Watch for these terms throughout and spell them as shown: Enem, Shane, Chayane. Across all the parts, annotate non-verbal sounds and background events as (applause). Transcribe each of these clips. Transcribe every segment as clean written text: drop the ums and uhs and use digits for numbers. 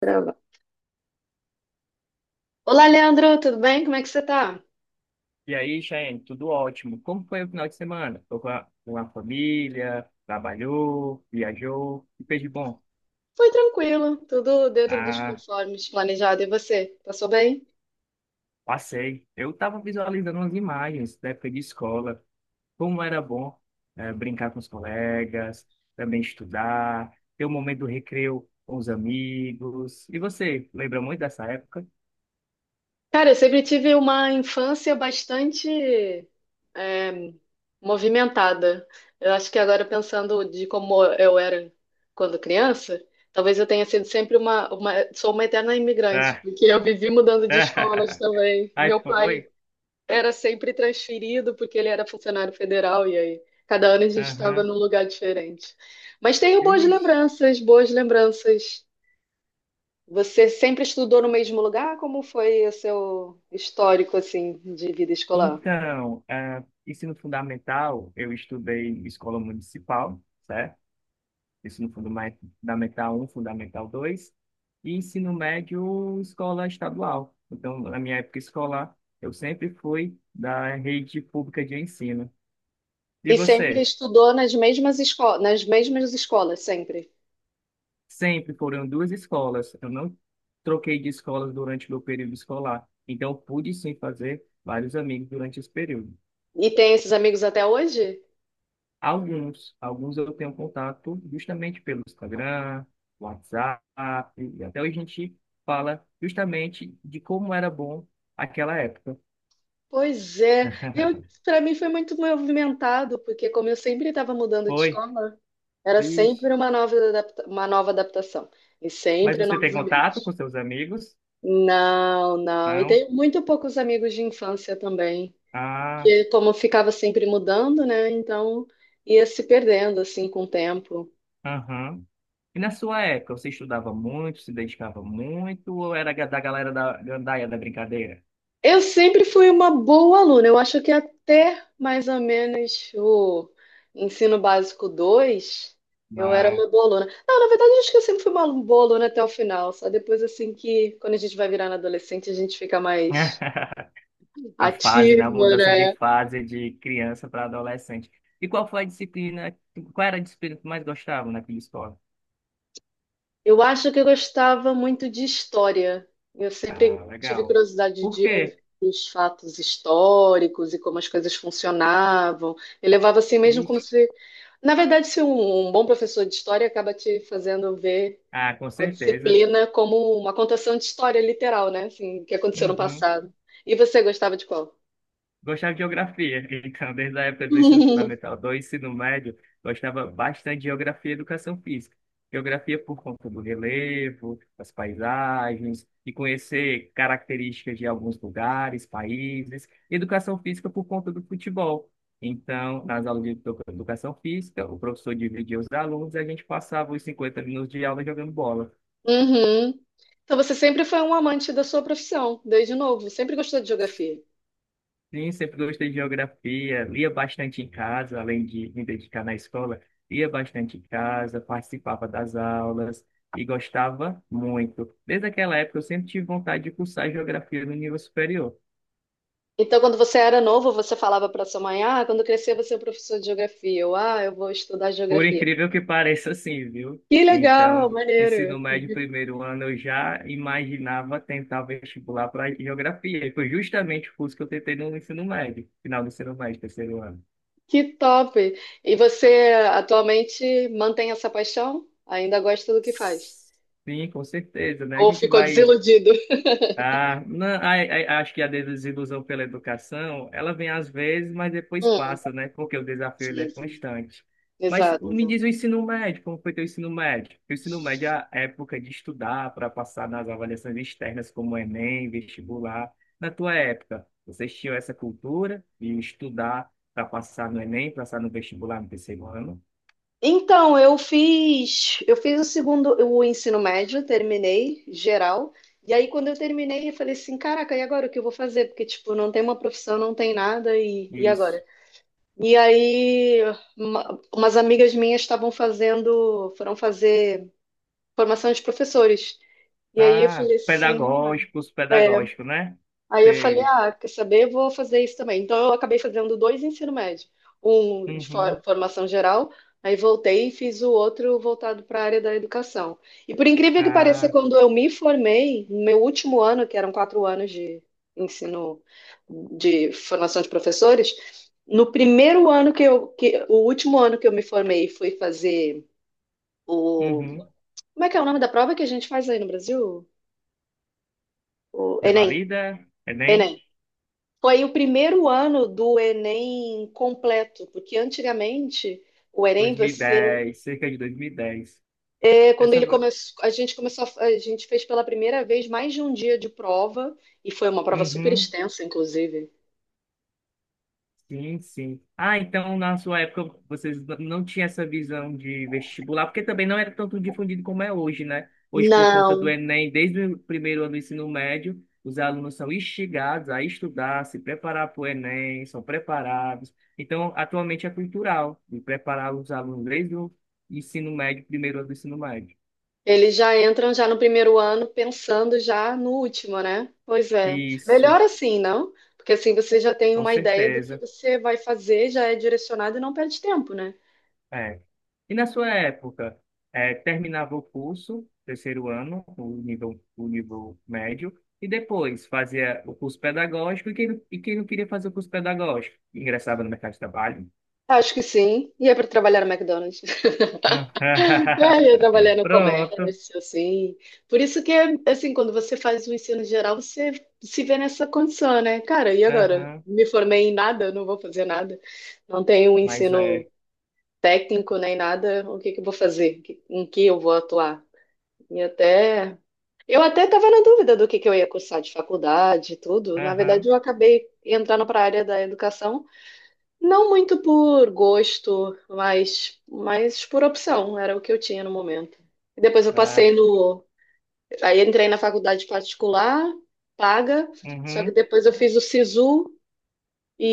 Grava. Olá, Leandro, tudo bem? Como é que você tá? E aí, Shane, tudo ótimo. Como foi o final de semana? Foi com a família, trabalhou, viajou, e fez de bom? Foi tranquilo, tudo dentro dos Ah, conformes planejado. E você? Passou bem? passei. Eu estava visualizando umas imagens da época de escola, como era bom brincar com os colegas, também estudar, ter o momento do recreio com os amigos. E você, lembra muito dessa época? Cara, eu sempre tive uma infância bastante é, movimentada. Eu acho que agora, pensando de como eu era quando criança, talvez eu tenha sido sempre sou uma eterna imigrante, Ah, porque eu vivi mudando de escolas (laughs) também. aí Meu pai foi. era sempre transferido porque ele era funcionário federal e aí cada ano a gente estava Aham. num lugar diferente. Mas tenho boas Vixe. lembranças, boas lembranças. Você sempre estudou no mesmo lugar? Como foi o seu histórico assim de vida escolar? Então, ah, ensino fundamental, eu estudei em escola municipal, certo? Ensino fundamental um, fundamental 2. E ensino médio, escola estadual. Então, na minha época escolar, eu sempre fui da rede pública de ensino. E E sempre você? estudou nas mesmas escolas sempre. Sempre foram duas escolas. Eu não troquei de escolas durante meu período escolar. Então, pude sim fazer vários amigos durante esse período. E tem esses amigos até hoje? Alguns eu tenho contato justamente pelo Instagram, WhatsApp, e até hoje a gente fala justamente de como era bom aquela época. Pois é. Eu (laughs) para mim foi muito movimentado, porque como eu sempre estava mudando de Foi? escola, era Vixe. sempre uma nova adaptação. E Mas sempre você tem novos contato com amigos. seus amigos? Não, não. E Não? tenho muito poucos amigos de infância também. Ah, Que como ficava sempre mudando, né? Então ia se perdendo assim com o tempo. aham. E na sua época, você estudava muito, se dedicava muito, ou era da galera da gandaia da brincadeira? Eu sempre fui uma boa aluna. Eu acho que até mais ou menos o ensino básico 2 eu era Bah. uma boa aluna. Não, na verdade, eu acho que eu sempre fui uma boa aluna até o final. Só depois, assim, que quando a gente vai virando adolescente, a gente fica mais (laughs) A fase, na ativa, mudança de né? fase de criança para adolescente. E qual foi a disciplina, qual era a disciplina que tu mais gostava naquela escola? Eu acho que eu gostava muito de história. Eu sempre Ah, tive legal. curiosidade Por de ouvir quê? os fatos históricos e como as coisas funcionavam. Eu levava assim mesmo como Ixi. se. Na verdade, se um bom professor de história acaba te fazendo ver Ah, com a certeza. disciplina como uma contação de história literal, né? Assim, o que aconteceu no Uhum. passado. E você gostava de qual? Gostava de geografia, (laughs) então, desde a época do ensino (laughs) fundamental 2, ensino médio, gostava bastante de geografia e educação física. Geografia por conta do relevo, das paisagens, e conhecer características de alguns lugares, países. Educação física por conta do futebol. Então, nas aulas de educação física, o professor dividia os alunos e a gente passava os 50 minutos de aula jogando bola. Uhum. Então você sempre foi um amante da sua profissão, desde novo. Sempre gostou de geografia. Sim, sempre gostei de geografia, lia bastante em casa, além de me dedicar na escola, lia bastante em casa, participava das aulas e gostava muito. Desde aquela época eu sempre tive vontade de cursar geografia no nível superior, Então, quando você era novo, você falava para sua mãe, ah, quando eu crescer eu vou ser um professor de geografia, ou ah, eu vou estudar por geografia. incrível que (laughs) pareça assim, viu? Que legal, Então, maneiro, ensino médio, primeiro ano, eu já imaginava tentar vestibular para geografia, e foi justamente o curso que eu tentei no ensino médio, final do ensino médio, terceiro ano. que top. E você atualmente mantém essa paixão? Ainda gosta do que faz? Sim, com certeza, né? A Ou gente ficou vai desiludido? Ah, não, acho que a desilusão pela educação, ela vem às vezes, mas depois Hum, passa, né? Porque o desafio ele é sim, sim. constante. Mas Exato, me exato. diz o ensino médio, como foi teu ensino médio? Porque o ensino médio é a época de estudar para passar nas avaliações externas, como Enem, vestibular. Na tua época, vocês tinham essa cultura de estudar para passar no Enem, passar no vestibular no terceiro ano? Então, eu fiz o segundo, o ensino médio, terminei geral. E aí, quando eu terminei, eu falei assim, caraca, e agora o que eu vou fazer? Porque, tipo, não tem uma profissão, não tem nada, e agora? Isso. E aí, umas amigas minhas foram fazer formação de professores. E aí eu Ah, falei assim, pedagógicos, ah, é. pedagógico, né? Aí eu falei, Sei. ah, quer saber? Eu vou fazer isso também. Então eu acabei fazendo dois ensino médio, um de Uhum. Formação geral, aí voltei e fiz o outro voltado para a área da educação. E por incrível que pareça, Ah. quando eu me formei, no meu último ano, que eram 4 anos de ensino de formação de professores, no primeiro ano que eu, que, o último ano que eu me formei, e fui fazer o, Uhum. como é que é o nome da prova que a gente faz aí no Brasil? O Enem. Revalida, Enem, Enem. Foi o primeiro ano do Enem completo, porque antigamente o Enem dois mil e você, dez, cerca de 2010. Quando Essa... ele começou, a gente começou, a gente fez pela primeira vez mais de um dia de prova e foi uma prova super Uhum, extensa, inclusive. sim, sim. Ah, então na sua época vocês não tinham essa visão de vestibular, porque também não era tanto difundido como é hoje, né? Hoje, por conta do Não, Enem, desde o primeiro ano do ensino médio, os alunos são instigados a estudar, se preparar para o Enem, são preparados. Então, atualmente é cultural, de preparar os alunos desde o ensino médio, primeiro ano do ensino médio. eles já entram já no primeiro ano pensando já no último, né? Pois é. Isso, Melhor assim, não? Porque assim você já tem com uma ideia do que certeza. você vai fazer, já é direcionado e não perde tempo, né? É. E na sua época, é, terminava o curso, terceiro ano, o nível médio, e depois fazia o curso pedagógico, e quem, e quem não queria fazer o curso pedagógico? Ingressava no mercado de trabalho. Acho que sim. E é para trabalhar no McDonald's. É, eu Ah, trabalhar (laughs) no Pronto. comércio, assim. Por isso que, assim, quando você faz o ensino geral, você se vê nessa condição, né? Cara, e agora? Aham. Me formei em nada, não vou fazer nada. Não tenho um Mas ensino é. técnico nem nada. O que que eu vou fazer? Em que eu vou atuar? E até... Eu até estava na dúvida do que eu ia cursar de faculdade e tudo. Na verdade, eu Aham. acabei entrando para a área da educação não muito por gosto, mas por opção, era o que eu tinha no momento. E depois eu passei Ah, no. Aí entrei na faculdade particular, paga, só que uhum. depois eu fiz o SISU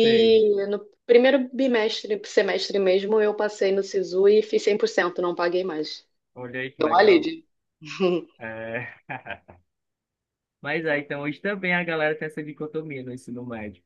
Sei. no primeiro bimestre, semestre mesmo, eu passei no SISU e fiz 100%, não paguei mais. Olhei que Deu um legal. alívio. (laughs) É. (laughs) Mas é, então hoje também a galera tem essa dicotomia no ensino médio.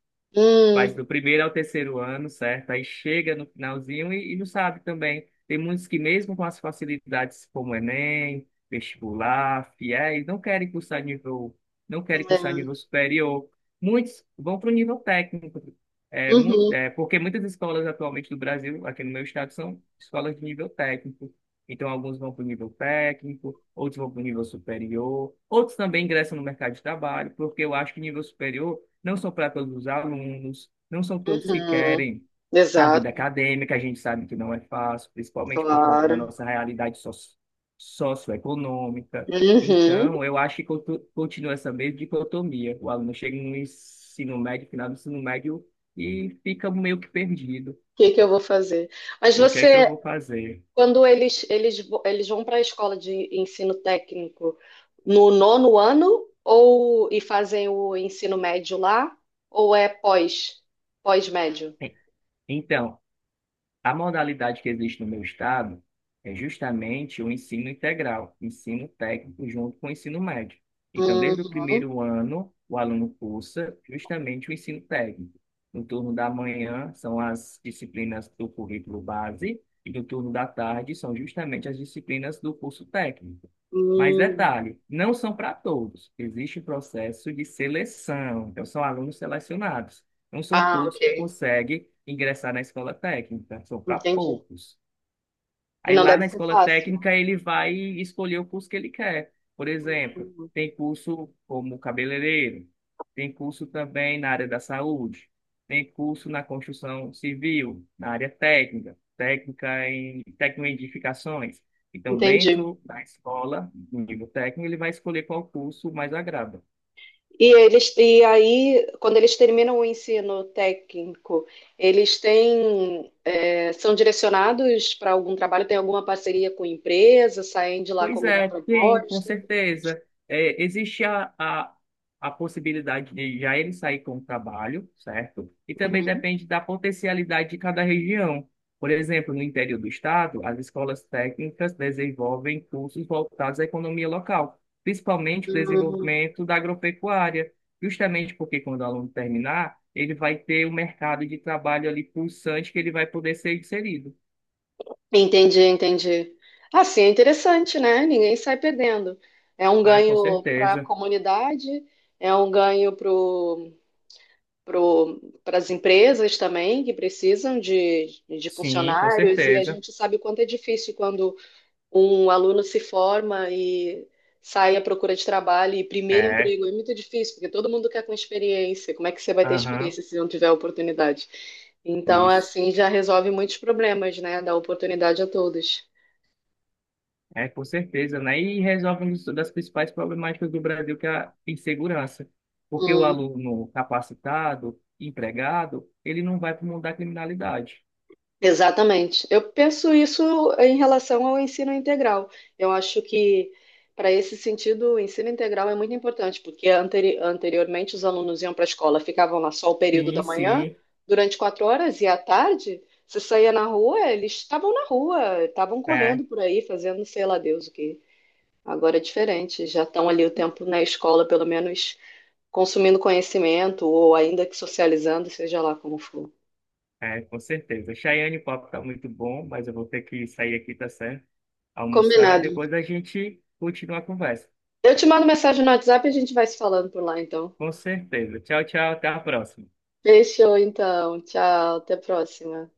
Faz Hum, do primeiro ao terceiro ano, certo? Aí chega no finalzinho e não sabe também. Tem muitos que, mesmo com as facilidades como Enem, vestibular, fiéis não querem cursar nível, não querem cursar é. nível superior. Muitos vão para o nível técnico. É, muito, Uhum, é, porque muitas escolas atualmente do Brasil, aqui no meu estado, são escolas de nível técnico. Então, alguns vão para o nível técnico, outros vão para o nível superior, outros também ingressam no mercado de trabalho, porque eu acho que nível superior não são para todos os alunos, não são todos que uhum. querem a vida Exato, acadêmica, a gente sabe que não é fácil, principalmente por conta da claro. nossa realidade socioeconômica. Uhum. Então, eu acho que continua essa mesma dicotomia. O aluno chega no ensino médio, final do ensino médio, e fica meio que perdido. O que que eu vou fazer? Mas O que é que eu você vou fazer? Quando eles vão para a escola de ensino técnico no nono ano ou e fazem o ensino médio lá ou é pós-médio? Então, a modalidade que existe no meu estado é justamente o ensino integral, ensino técnico junto com o ensino médio. Então, desde o Uhum. primeiro ano, o aluno cursa justamente o ensino técnico. No turno da manhã são as disciplinas do currículo base e no turno da tarde são justamente as disciplinas do curso técnico. Mas Hum. detalhe, não são para todos. Existe um processo de seleção, então são alunos selecionados. Não são Ah, todos ok. que conseguem ingressar na escola técnica, são para Entendi. poucos. E Aí não lá deve na ser escola fácil, né? técnica ele vai escolher o curso que ele quer. Por exemplo, Hum. tem curso como cabeleireiro, tem curso também na área da saúde, tem curso na construção civil, na área técnica, técnica em técnico em edificações. Então, Entendi. dentro da escola, no nível técnico, ele vai escolher qual curso mais agrada. E aí, quando eles terminam o ensino técnico, eles têm são direcionados para algum trabalho, tem alguma parceria com empresa, saem de lá com Pois alguma é, tem, com proposta. certeza. É, existe a possibilidade de já ele sair com o trabalho, certo? E também Uhum. depende da potencialidade de cada região. Por exemplo, no interior do estado, as escolas técnicas desenvolvem cursos voltados à economia local, principalmente o Uhum. desenvolvimento da agropecuária, justamente porque quando o aluno terminar, ele vai ter um mercado de trabalho ali pulsante que ele vai poder ser inserido, Entendi, entendi. Assim, é interessante, né? Ninguém sai perdendo. É um né? Com ganho para a certeza. comunidade, é um ganho para as empresas também, que precisam de Sim, com funcionários, e a certeza. gente sabe o quanto é difícil quando um aluno se forma e sai à procura de trabalho, e primeiro É. emprego é muito difícil, porque todo mundo quer com experiência. Como é que você vai ter Aham, experiência se não tiver oportunidade? Então, isso. assim, já resolve muitos problemas, né? Dá oportunidade a todos. É, com certeza, né? E resolve uma das principais problemáticas do Brasil, que é a insegurança. Porque o aluno capacitado, empregado, ele não vai para o mundo da criminalidade. Exatamente. Eu penso isso em relação ao ensino integral. Eu acho que, para esse sentido, o ensino integral é muito importante, porque anteriormente os alunos iam para a escola, ficavam lá só o período Sim, da manhã, sim, durante 4 horas, e à tarde, se saía na rua, eles estavam na rua, estavam é, correndo por aí, fazendo sei lá Deus o que. Agora é diferente, já estão ali o tempo na escola, pelo menos consumindo conhecimento, ou ainda que socializando, seja lá como for. Com certeza. Chayane, o papo tá muito bom, mas eu vou ter que sair aqui, tá certo? Almoçar e Combinado. depois a gente continua a conversa. Eu te mando mensagem no WhatsApp e a gente vai se falando por lá, então. Com certeza. Tchau, tchau, até a próxima. Fechou, então. Tchau, até a próxima.